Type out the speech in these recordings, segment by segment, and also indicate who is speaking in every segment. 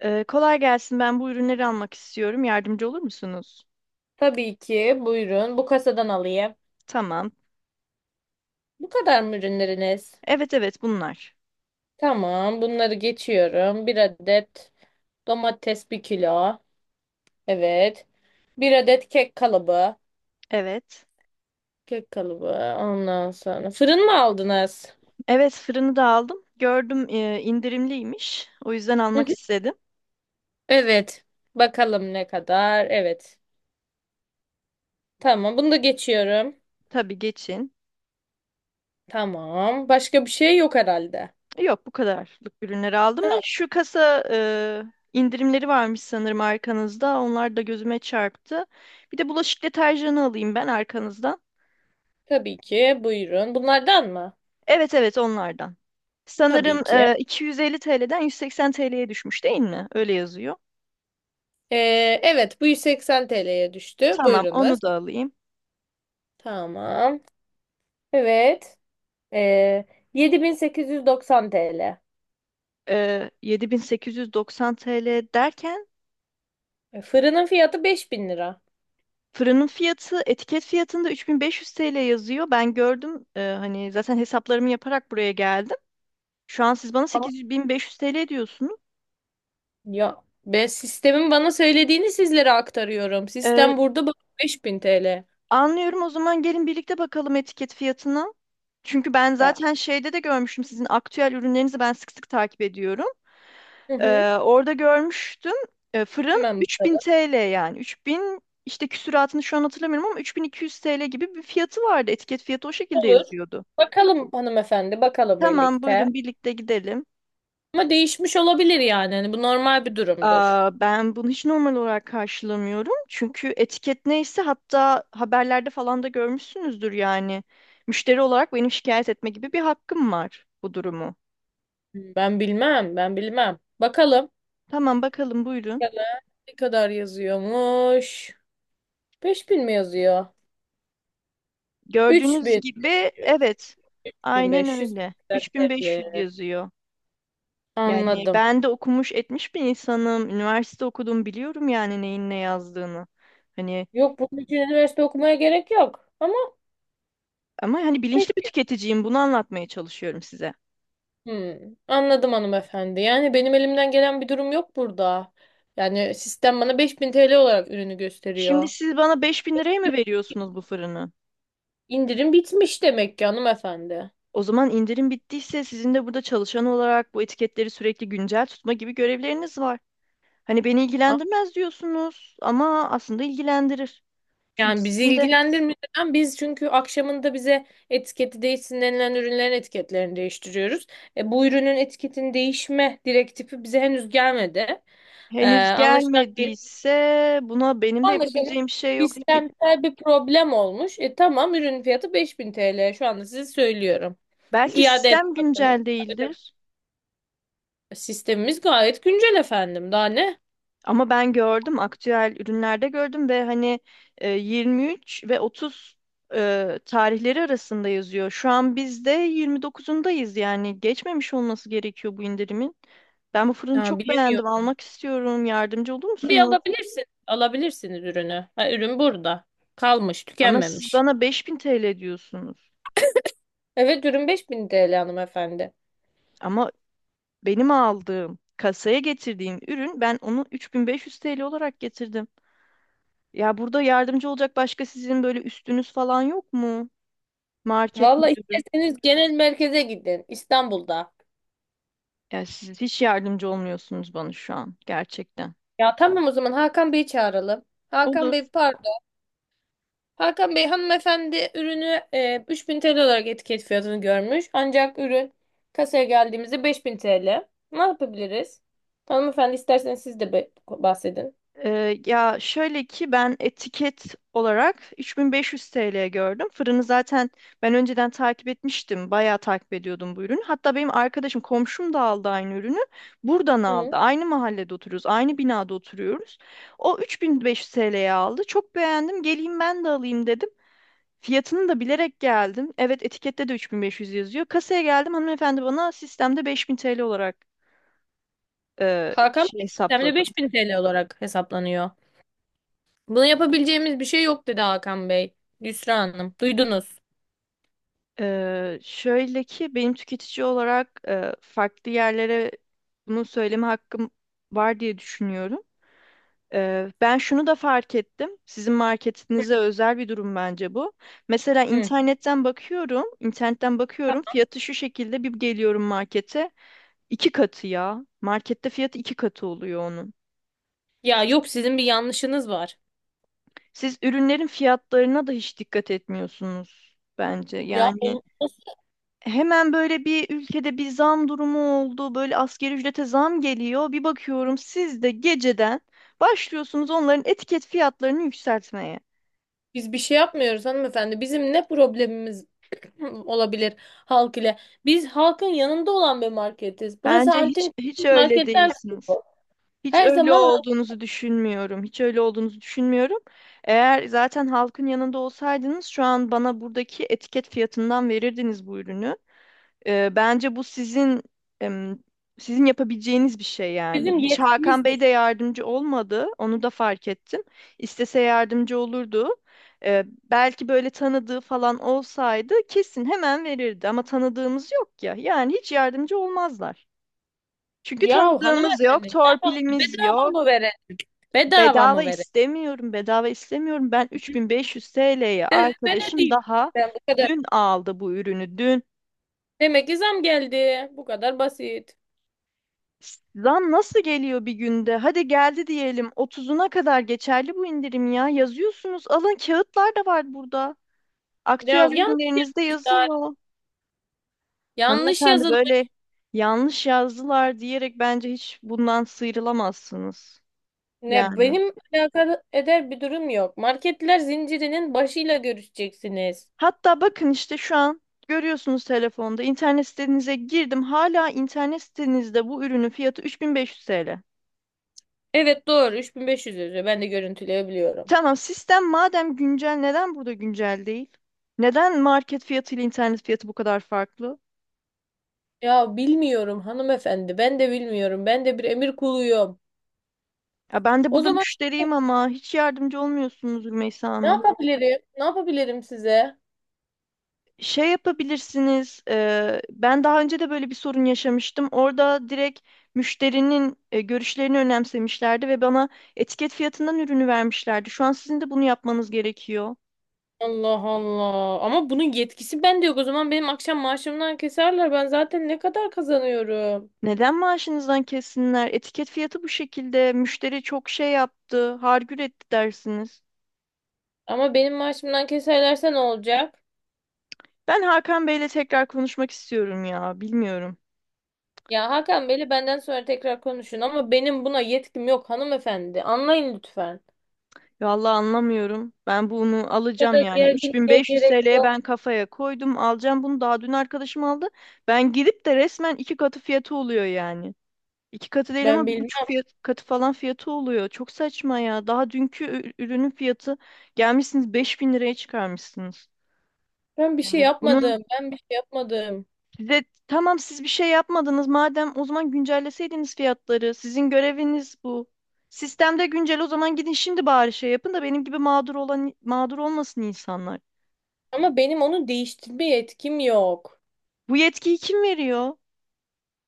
Speaker 1: Kolay gelsin. Ben bu ürünleri almak istiyorum. Yardımcı olur musunuz?
Speaker 2: Tabii ki. Buyurun. Bu kasadan alayım.
Speaker 1: Tamam.
Speaker 2: Bu kadar mı ürünleriniz?
Speaker 1: Evet, evet, bunlar.
Speaker 2: Tamam. Bunları geçiyorum. Bir adet domates bir kilo. Evet. Bir adet kek kalıbı.
Speaker 1: Evet.
Speaker 2: Kek kalıbı. Ondan sonra. Fırın mı aldınız?
Speaker 1: Evet, fırını da aldım. Gördüm, indirimliymiş. O yüzden
Speaker 2: Hı
Speaker 1: almak
Speaker 2: hı.
Speaker 1: istedim.
Speaker 2: Evet. Bakalım ne kadar. Evet. Tamam. Bunu da geçiyorum.
Speaker 1: Tabii geçin.
Speaker 2: Tamam. Başka bir şey yok herhalde.
Speaker 1: Yok, bu kadarlık ürünleri aldım.
Speaker 2: Tamam.
Speaker 1: Şu kasa indirimleri varmış sanırım arkanızda. Onlar da gözüme çarptı. Bir de bulaşık deterjanı alayım ben arkanızdan.
Speaker 2: Tabii ki. Buyurun. Bunlardan mı?
Speaker 1: Evet, evet, onlardan. Sanırım
Speaker 2: Tabii ki.
Speaker 1: 250 TL'den 180 TL'ye düşmüş, değil mi? Öyle yazıyor.
Speaker 2: Ee, evet. Bu 180 TL'ye düştü.
Speaker 1: Tamam,
Speaker 2: Buyurunuz.
Speaker 1: onu da alayım.
Speaker 2: Tamam. Evet. Ee, 7890 TL.
Speaker 1: 7890 TL derken,
Speaker 2: Fırının fiyatı 5000 lira.
Speaker 1: fırının fiyatı etiket fiyatında 3500 TL yazıyor. Ben gördüm, hani zaten hesaplarımı yaparak buraya geldim. Şu an siz bana
Speaker 2: Ama
Speaker 1: 8500 TL diyorsunuz.
Speaker 2: ya ben sistemin bana söylediğini sizlere aktarıyorum.
Speaker 1: Ee,
Speaker 2: Sistem burada bak 5000 TL.
Speaker 1: anlıyorum, o zaman gelin birlikte bakalım etiket fiyatına. Çünkü ben
Speaker 2: Ya.
Speaker 1: zaten şeyde de görmüştüm, sizin aktüel ürünlerinizi ben sık sık takip ediyorum.
Speaker 2: Hı hı.
Speaker 1: Orada görmüştüm. Fırın
Speaker 2: Hemen
Speaker 1: 3000
Speaker 2: bakalım.
Speaker 1: TL yani. 3000 işte, küsuratını şu an hatırlamıyorum ama 3200 TL gibi bir fiyatı vardı. Etiket fiyatı o şekilde
Speaker 2: Olur.
Speaker 1: yazıyordu.
Speaker 2: Bakalım hanımefendi, bakalım
Speaker 1: Tamam,
Speaker 2: birlikte.
Speaker 1: buyurun birlikte gidelim.
Speaker 2: Ama değişmiş olabilir yani. Hani bu normal bir durumdur.
Speaker 1: Aa, ben bunu hiç normal olarak karşılamıyorum. Çünkü etiket neyse, hatta haberlerde falan da görmüşsünüzdür yani. Müşteri olarak benim şikayet etme gibi bir hakkım var bu durumu.
Speaker 2: Ben bilmem, ben bilmem. Bakalım.
Speaker 1: Tamam, bakalım, buyurun.
Speaker 2: Bakalım ne kadar yazıyormuş? 5000 mi yazıyor?
Speaker 1: Gördüğünüz
Speaker 2: 3000.
Speaker 1: gibi, evet. Aynen
Speaker 2: 1500
Speaker 1: öyle. 3500
Speaker 2: ödevli.
Speaker 1: yazıyor. Yani
Speaker 2: Anladım.
Speaker 1: ben de okumuş etmiş bir insanım. Üniversite okudum, biliyorum yani neyin ne yazdığını. Hani,
Speaker 2: Yok bunun için üniversite okumaya gerek yok. Ama
Speaker 1: ama hani
Speaker 2: pek.
Speaker 1: bilinçli bir tüketiciyim, bunu anlatmaya çalışıyorum size.
Speaker 2: Hmm, anladım hanımefendi. Yani benim elimden gelen bir durum yok burada. Yani sistem bana 5000 TL olarak ürünü
Speaker 1: Şimdi
Speaker 2: gösteriyor.
Speaker 1: siz bana 5.000 liraya mı veriyorsunuz bu fırını?
Speaker 2: İndirim bitmiş demek ki hanımefendi.
Speaker 1: O zaman indirim bittiyse, sizin de burada çalışan olarak bu etiketleri sürekli güncel tutma gibi görevleriniz var. Hani beni
Speaker 2: A-
Speaker 1: ilgilendirmez diyorsunuz ama aslında ilgilendirir. Çünkü
Speaker 2: Yani bizi
Speaker 1: sizin de
Speaker 2: ilgilendirmiyor. Neden? Biz çünkü akşamında bize etiketi değişsin denilen ürünlerin etiketlerini değiştiriyoruz. Bu ürünün etiketin değişme direktifi bize henüz gelmedi. E,
Speaker 1: henüz
Speaker 2: anlaşılan
Speaker 1: gelmediyse, buna benim de
Speaker 2: Anlaşalım.
Speaker 1: yapabileceğim bir şey yok ki.
Speaker 2: Sistemsel bir problem olmuş. Tamam ürün fiyatı 5000 TL. Şu anda size söylüyorum.
Speaker 1: Belki
Speaker 2: İade et
Speaker 1: sistem
Speaker 2: bakın.
Speaker 1: güncel
Speaker 2: Ödeme
Speaker 1: değildir.
Speaker 2: Sistemimiz gayet güncel efendim. Daha ne?
Speaker 1: Ama ben gördüm, aktüel ürünlerde gördüm ve hani, 23 ve 30 tarihleri arasında yazıyor. Şu an biz de 29'undayız, yani geçmemiş olması gerekiyor bu indirimin. Ben bu fırını
Speaker 2: Ha,
Speaker 1: çok beğendim,
Speaker 2: bilemiyorum.
Speaker 1: almak istiyorum, yardımcı olur
Speaker 2: Bir
Speaker 1: musunuz?
Speaker 2: alabilirsin. Alabilirsiniz ürünü. Ha, ürün burada. Kalmış,
Speaker 1: Ama siz
Speaker 2: tükenmemiş.
Speaker 1: bana 5000 TL diyorsunuz.
Speaker 2: Evet ürün 5000 TL hanımefendi.
Speaker 1: Ama benim aldığım, kasaya getirdiğim ürün, ben onu 3500 TL olarak getirdim. Ya burada yardımcı olacak başka, sizin böyle üstünüz falan yok mu? Market
Speaker 2: Valla
Speaker 1: müdürü.
Speaker 2: isterseniz genel merkeze gidin. İstanbul'da.
Speaker 1: Ya siz hiç yardımcı olmuyorsunuz bana şu an gerçekten.
Speaker 2: Ya tamam o zaman Hakan Bey'i çağıralım. Hakan
Speaker 1: Olur.
Speaker 2: Bey pardon. Hakan Bey hanımefendi ürünü 3000 TL olarak etiket fiyatını görmüş. Ancak ürün kasaya geldiğimizde 5000 TL. Ne yapabiliriz? Hanımefendi isterseniz siz de bahsedin.
Speaker 1: Ya şöyle ki, ben etiket olarak 3500 TL gördüm. Fırını zaten ben önceden takip etmiştim. Bayağı takip ediyordum bu ürünü. Hatta benim arkadaşım, komşum da aldı aynı ürünü. Buradan
Speaker 2: Hı.
Speaker 1: aldı. Aynı mahallede oturuyoruz. Aynı binada oturuyoruz. O 3500 TL'ye aldı. Çok beğendim. Geleyim ben de alayım dedim. Fiyatını da bilerek geldim. Evet, etikette de 3500 yazıyor. Kasaya geldim. Hanımefendi bana sistemde 5000 TL olarak
Speaker 2: Hakan
Speaker 1: şey
Speaker 2: Bey sistemde
Speaker 1: hesapladı.
Speaker 2: 5000 TL olarak hesaplanıyor. Buna yapabileceğimiz bir şey yok dedi Hakan Bey. Yusra Hanım. Duydunuz.
Speaker 1: Şöyle ki benim tüketici olarak farklı yerlere bunu söyleme hakkım var diye düşünüyorum. Ben şunu da fark ettim. Sizin marketinize özel bir durum bence bu. Mesela
Speaker 2: Hı.
Speaker 1: internetten bakıyorum, internetten bakıyorum. Fiyatı şu şekilde, bir geliyorum markete. İki katı ya. Markette fiyatı iki katı oluyor onun.
Speaker 2: Ya yok sizin bir yanlışınız var.
Speaker 1: Siz ürünlerin fiyatlarına da hiç dikkat etmiyorsunuz bence.
Speaker 2: Ya
Speaker 1: Yani,
Speaker 2: olmaz.
Speaker 1: hemen böyle bir ülkede bir zam durumu oldu. Böyle asgari ücrete zam geliyor. Bir bakıyorum, siz de geceden başlıyorsunuz onların etiket fiyatlarını yükseltmeye.
Speaker 2: Biz bir şey yapmıyoruz hanımefendi. Bizim ne problemimiz olabilir halk ile? Biz halkın yanında olan bir marketiz. Burası
Speaker 1: Bence hiç
Speaker 2: antin
Speaker 1: hiç öyle
Speaker 2: marketler
Speaker 1: değilsiniz.
Speaker 2: grubu.
Speaker 1: Hiç
Speaker 2: Her
Speaker 1: öyle
Speaker 2: zaman halk
Speaker 1: olduğunuzu düşünmüyorum. Hiç öyle olduğunuzu düşünmüyorum. Eğer zaten halkın yanında olsaydınız, şu an bana buradaki etiket fiyatından verirdiniz bu ürünü. Bence bu em, sizin yapabileceğiniz bir şey yani.
Speaker 2: bizim
Speaker 1: Hiç Hakan Bey
Speaker 2: yetkimizdir.
Speaker 1: de yardımcı olmadı. Onu da fark ettim. İstese yardımcı olurdu. Ee, belki böyle tanıdığı falan olsaydı, kesin hemen verirdi. Ama tanıdığımız yok ya. Yani hiç yardımcı olmazlar. Çünkü
Speaker 2: Ya
Speaker 1: tanıdığımız yok,
Speaker 2: hanımefendi ne yapalım?
Speaker 1: torpilimiz
Speaker 2: Bedava
Speaker 1: yok.
Speaker 2: mı verelim? Bedava
Speaker 1: Bedava
Speaker 2: mı verelim?
Speaker 1: istemiyorum, bedava istemiyorum. Ben 3500 TL'ye,
Speaker 2: Ben
Speaker 1: arkadaşım
Speaker 2: ödeyeyim.
Speaker 1: daha
Speaker 2: Ben bu kadar.
Speaker 1: dün aldı bu ürünü. Dün.
Speaker 2: Demek ki zam geldi. Bu kadar basit.
Speaker 1: Zam nasıl geliyor bir günde? Hadi geldi diyelim. Otuzuna kadar geçerli bu indirim ya. Yazıyorsunuz. Alın, kağıtlar da var burada.
Speaker 2: Ya
Speaker 1: Aktüel
Speaker 2: yanlış
Speaker 1: ürünlerinizde
Speaker 2: bir şey.
Speaker 1: yazıyor.
Speaker 2: Yanlış
Speaker 1: Hanımefendi, böyle
Speaker 2: yazılmış.
Speaker 1: yanlış yazdılar diyerek bence hiç bundan sıyrılamazsınız.
Speaker 2: Ne
Speaker 1: Yani.
Speaker 2: benim alakalı eder bir durum yok. Marketler zincirinin başıyla görüşeceksiniz.
Speaker 1: Hatta bakın işte şu an görüyorsunuz telefonda. İnternet sitenize girdim. Hala internet sitenizde bu ürünün fiyatı 3500 TL.
Speaker 2: Evet doğru 3500 yazıyor. Ben de görüntüleyebiliyorum.
Speaker 1: Tamam, sistem madem güncel, neden burada güncel değil? Neden market fiyatı ile internet fiyatı bu kadar farklı?
Speaker 2: Ya bilmiyorum hanımefendi. Ben de bilmiyorum. Ben de bir emir kuluyum.
Speaker 1: Ya ben de
Speaker 2: O
Speaker 1: burada
Speaker 2: zaman
Speaker 1: müşteriyim ama hiç yardımcı olmuyorsunuz Rümeysa
Speaker 2: ne
Speaker 1: Hanım.
Speaker 2: yapabilirim? Ne yapabilirim size?
Speaker 1: Şey yapabilirsiniz, ben daha önce de böyle bir sorun yaşamıştım. Orada direkt müşterinin görüşlerini önemsemişlerdi ve bana etiket fiyatından ürünü vermişlerdi. Şu an sizin de bunu yapmanız gerekiyor.
Speaker 2: Allah Allah. Ama bunun yetkisi bende yok. O zaman benim akşam maaşımdan keserler. Ben zaten ne kadar kazanıyorum?
Speaker 1: Neden maaşınızdan kessinler? Etiket fiyatı bu şekilde. Müşteri çok şey yaptı, hargür etti dersiniz.
Speaker 2: Ama benim maaşımdan keserlerse ne olacak?
Speaker 1: Ben Hakan Bey'le tekrar konuşmak istiyorum ya. Bilmiyorum.
Speaker 2: Ya Hakan Bey'le benden sonra tekrar konuşun ama benim buna yetkim yok hanımefendi. Anlayın lütfen.
Speaker 1: Vallahi anlamıyorum. Ben bunu
Speaker 2: Bu
Speaker 1: alacağım
Speaker 2: kadar
Speaker 1: yani.
Speaker 2: gerginliğe
Speaker 1: 3500
Speaker 2: gerek
Speaker 1: TL'ye
Speaker 2: yok.
Speaker 1: ben kafaya koydum. Alacağım bunu. Daha dün arkadaşım aldı. Ben gidip de resmen iki katı fiyatı oluyor yani. İki katı değil
Speaker 2: Ben
Speaker 1: ama bir
Speaker 2: bilmem.
Speaker 1: buçuk fiyat, katı falan fiyatı oluyor. Çok saçma ya. Daha dünkü ürünün fiyatı, gelmişsiniz 5000 liraya çıkarmışsınız.
Speaker 2: Ben bir şey
Speaker 1: Yani bunun.
Speaker 2: yapmadım. Ben bir şey yapmadım.
Speaker 1: Size, tamam, siz bir şey yapmadınız, madem o zaman güncelleseydiniz fiyatları. Sizin göreviniz bu. Sistemde güncel, o zaman gidin şimdi bari şey yapın da benim gibi mağdur olan mağdur olmasın insanlar.
Speaker 2: Ama benim onu değiştirme yetkim yok.
Speaker 1: Bu yetkiyi kim veriyor?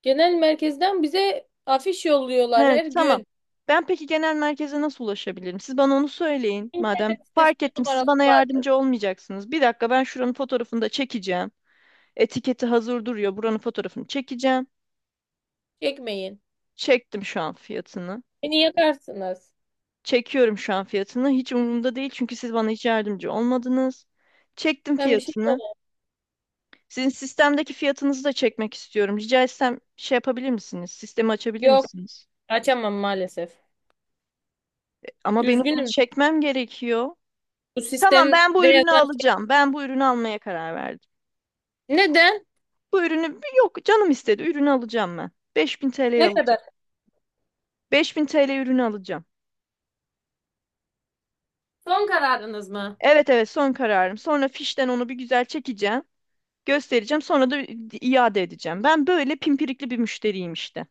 Speaker 2: Genel merkezden bize afiş yolluyorlar
Speaker 1: He,
Speaker 2: her
Speaker 1: tamam.
Speaker 2: gün.
Speaker 1: Ben, peki, genel merkeze nasıl ulaşabilirim? Siz bana onu söyleyin. Madem
Speaker 2: İnternet
Speaker 1: fark
Speaker 2: sitesinde
Speaker 1: ettim siz
Speaker 2: numaralar
Speaker 1: bana
Speaker 2: vardır.
Speaker 1: yardımcı olmayacaksınız. Bir dakika, ben şuranın fotoğrafını da çekeceğim. Etiketi hazır duruyor. Buranın fotoğrafını çekeceğim.
Speaker 2: Çekmeyin.
Speaker 1: Çektim şu an fiyatını.
Speaker 2: Beni yakarsınız.
Speaker 1: Çekiyorum şu an fiyatını. Hiç umurumda değil, çünkü siz bana hiç yardımcı olmadınız. Çektim
Speaker 2: Ben bir şey
Speaker 1: fiyatını.
Speaker 2: yapamam.
Speaker 1: Sizin sistemdeki fiyatınızı da çekmek istiyorum. Rica etsem şey yapabilir misiniz? Sistemi açabilir
Speaker 2: Yok,
Speaker 1: misiniz?
Speaker 2: açamam maalesef.
Speaker 1: Ama benim bunu
Speaker 2: Üzgünüm.
Speaker 1: çekmem gerekiyor.
Speaker 2: Bu
Speaker 1: Tamam, ben bu
Speaker 2: sistemde
Speaker 1: ürünü
Speaker 2: yazan...
Speaker 1: alacağım. Ben bu ürünü almaya karar verdim.
Speaker 2: Neden?
Speaker 1: Bu ürünü yok canım istedi. Ürünü alacağım ben. 5000 TL'ye
Speaker 2: Ne kadar?
Speaker 1: alacağım. 5000 TL ürünü alacağım.
Speaker 2: Son kararınız mı?
Speaker 1: Evet, evet, son kararım. Sonra fişten onu bir güzel çekeceğim. Göstereceğim, sonra da iade edeceğim. Ben böyle pimpirikli bir müşteriyim işte.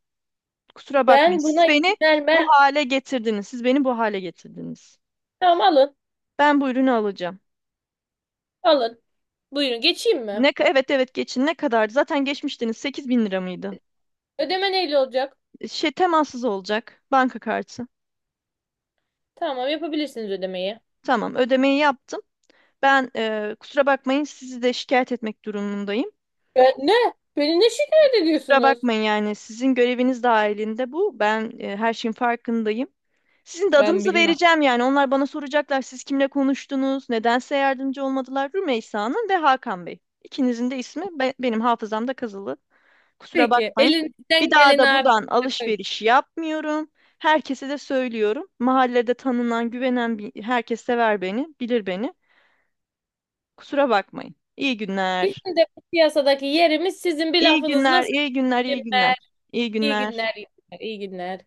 Speaker 1: Kusura bakmayın.
Speaker 2: Ben
Speaker 1: Siz
Speaker 2: buna
Speaker 1: beni
Speaker 2: izin vermem.
Speaker 1: bu hale getirdiniz. Siz beni bu hale getirdiniz.
Speaker 2: Tamam alın.
Speaker 1: Ben bu ürünü alacağım.
Speaker 2: Alın. Buyurun geçeyim mi?
Speaker 1: Ne, evet, evet, geçin, ne kadardı? Zaten geçmiştiniz, 8 bin lira mıydı?
Speaker 2: Ödeme neyle olacak?
Speaker 1: Şey, temassız olacak. Banka kartı.
Speaker 2: Tamam yapabilirsiniz ödemeyi.
Speaker 1: Tamam, ödemeyi yaptım. Ben, kusura bakmayın, sizi de şikayet etmek durumundayım.
Speaker 2: Ben ne? Beni ne şikayet
Speaker 1: Kusura
Speaker 2: ediyorsunuz?
Speaker 1: bakmayın, yani sizin göreviniz dahilinde bu. Ben, her şeyin farkındayım. Sizin de
Speaker 2: Ben
Speaker 1: adınızı
Speaker 2: bilmem.
Speaker 1: vereceğim yani. Onlar bana soracaklar, siz kimle konuştunuz, nedense yardımcı olmadılar. Rümeysa'nın ve Hakan Bey. İkinizin de ismi benim hafızamda kazılı. Kusura
Speaker 2: Peki
Speaker 1: bakmayın.
Speaker 2: elinizden
Speaker 1: Bir daha
Speaker 2: gelen
Speaker 1: da
Speaker 2: abi.
Speaker 1: buradan
Speaker 2: Bakın,
Speaker 1: alışveriş yapmıyorum. Herkese de söylüyorum. Mahallede tanınan, güvenen bir, herkes sever beni, bilir beni. Kusura bakmayın. İyi günler.
Speaker 2: bizim de bu piyasadaki yerimiz sizin bir
Speaker 1: İyi
Speaker 2: lafınızla
Speaker 1: günler, iyi günler, iyi
Speaker 2: söylemez.
Speaker 1: günler. İyi
Speaker 2: İyi
Speaker 1: günler.
Speaker 2: günler, iyi günler, iyi günler.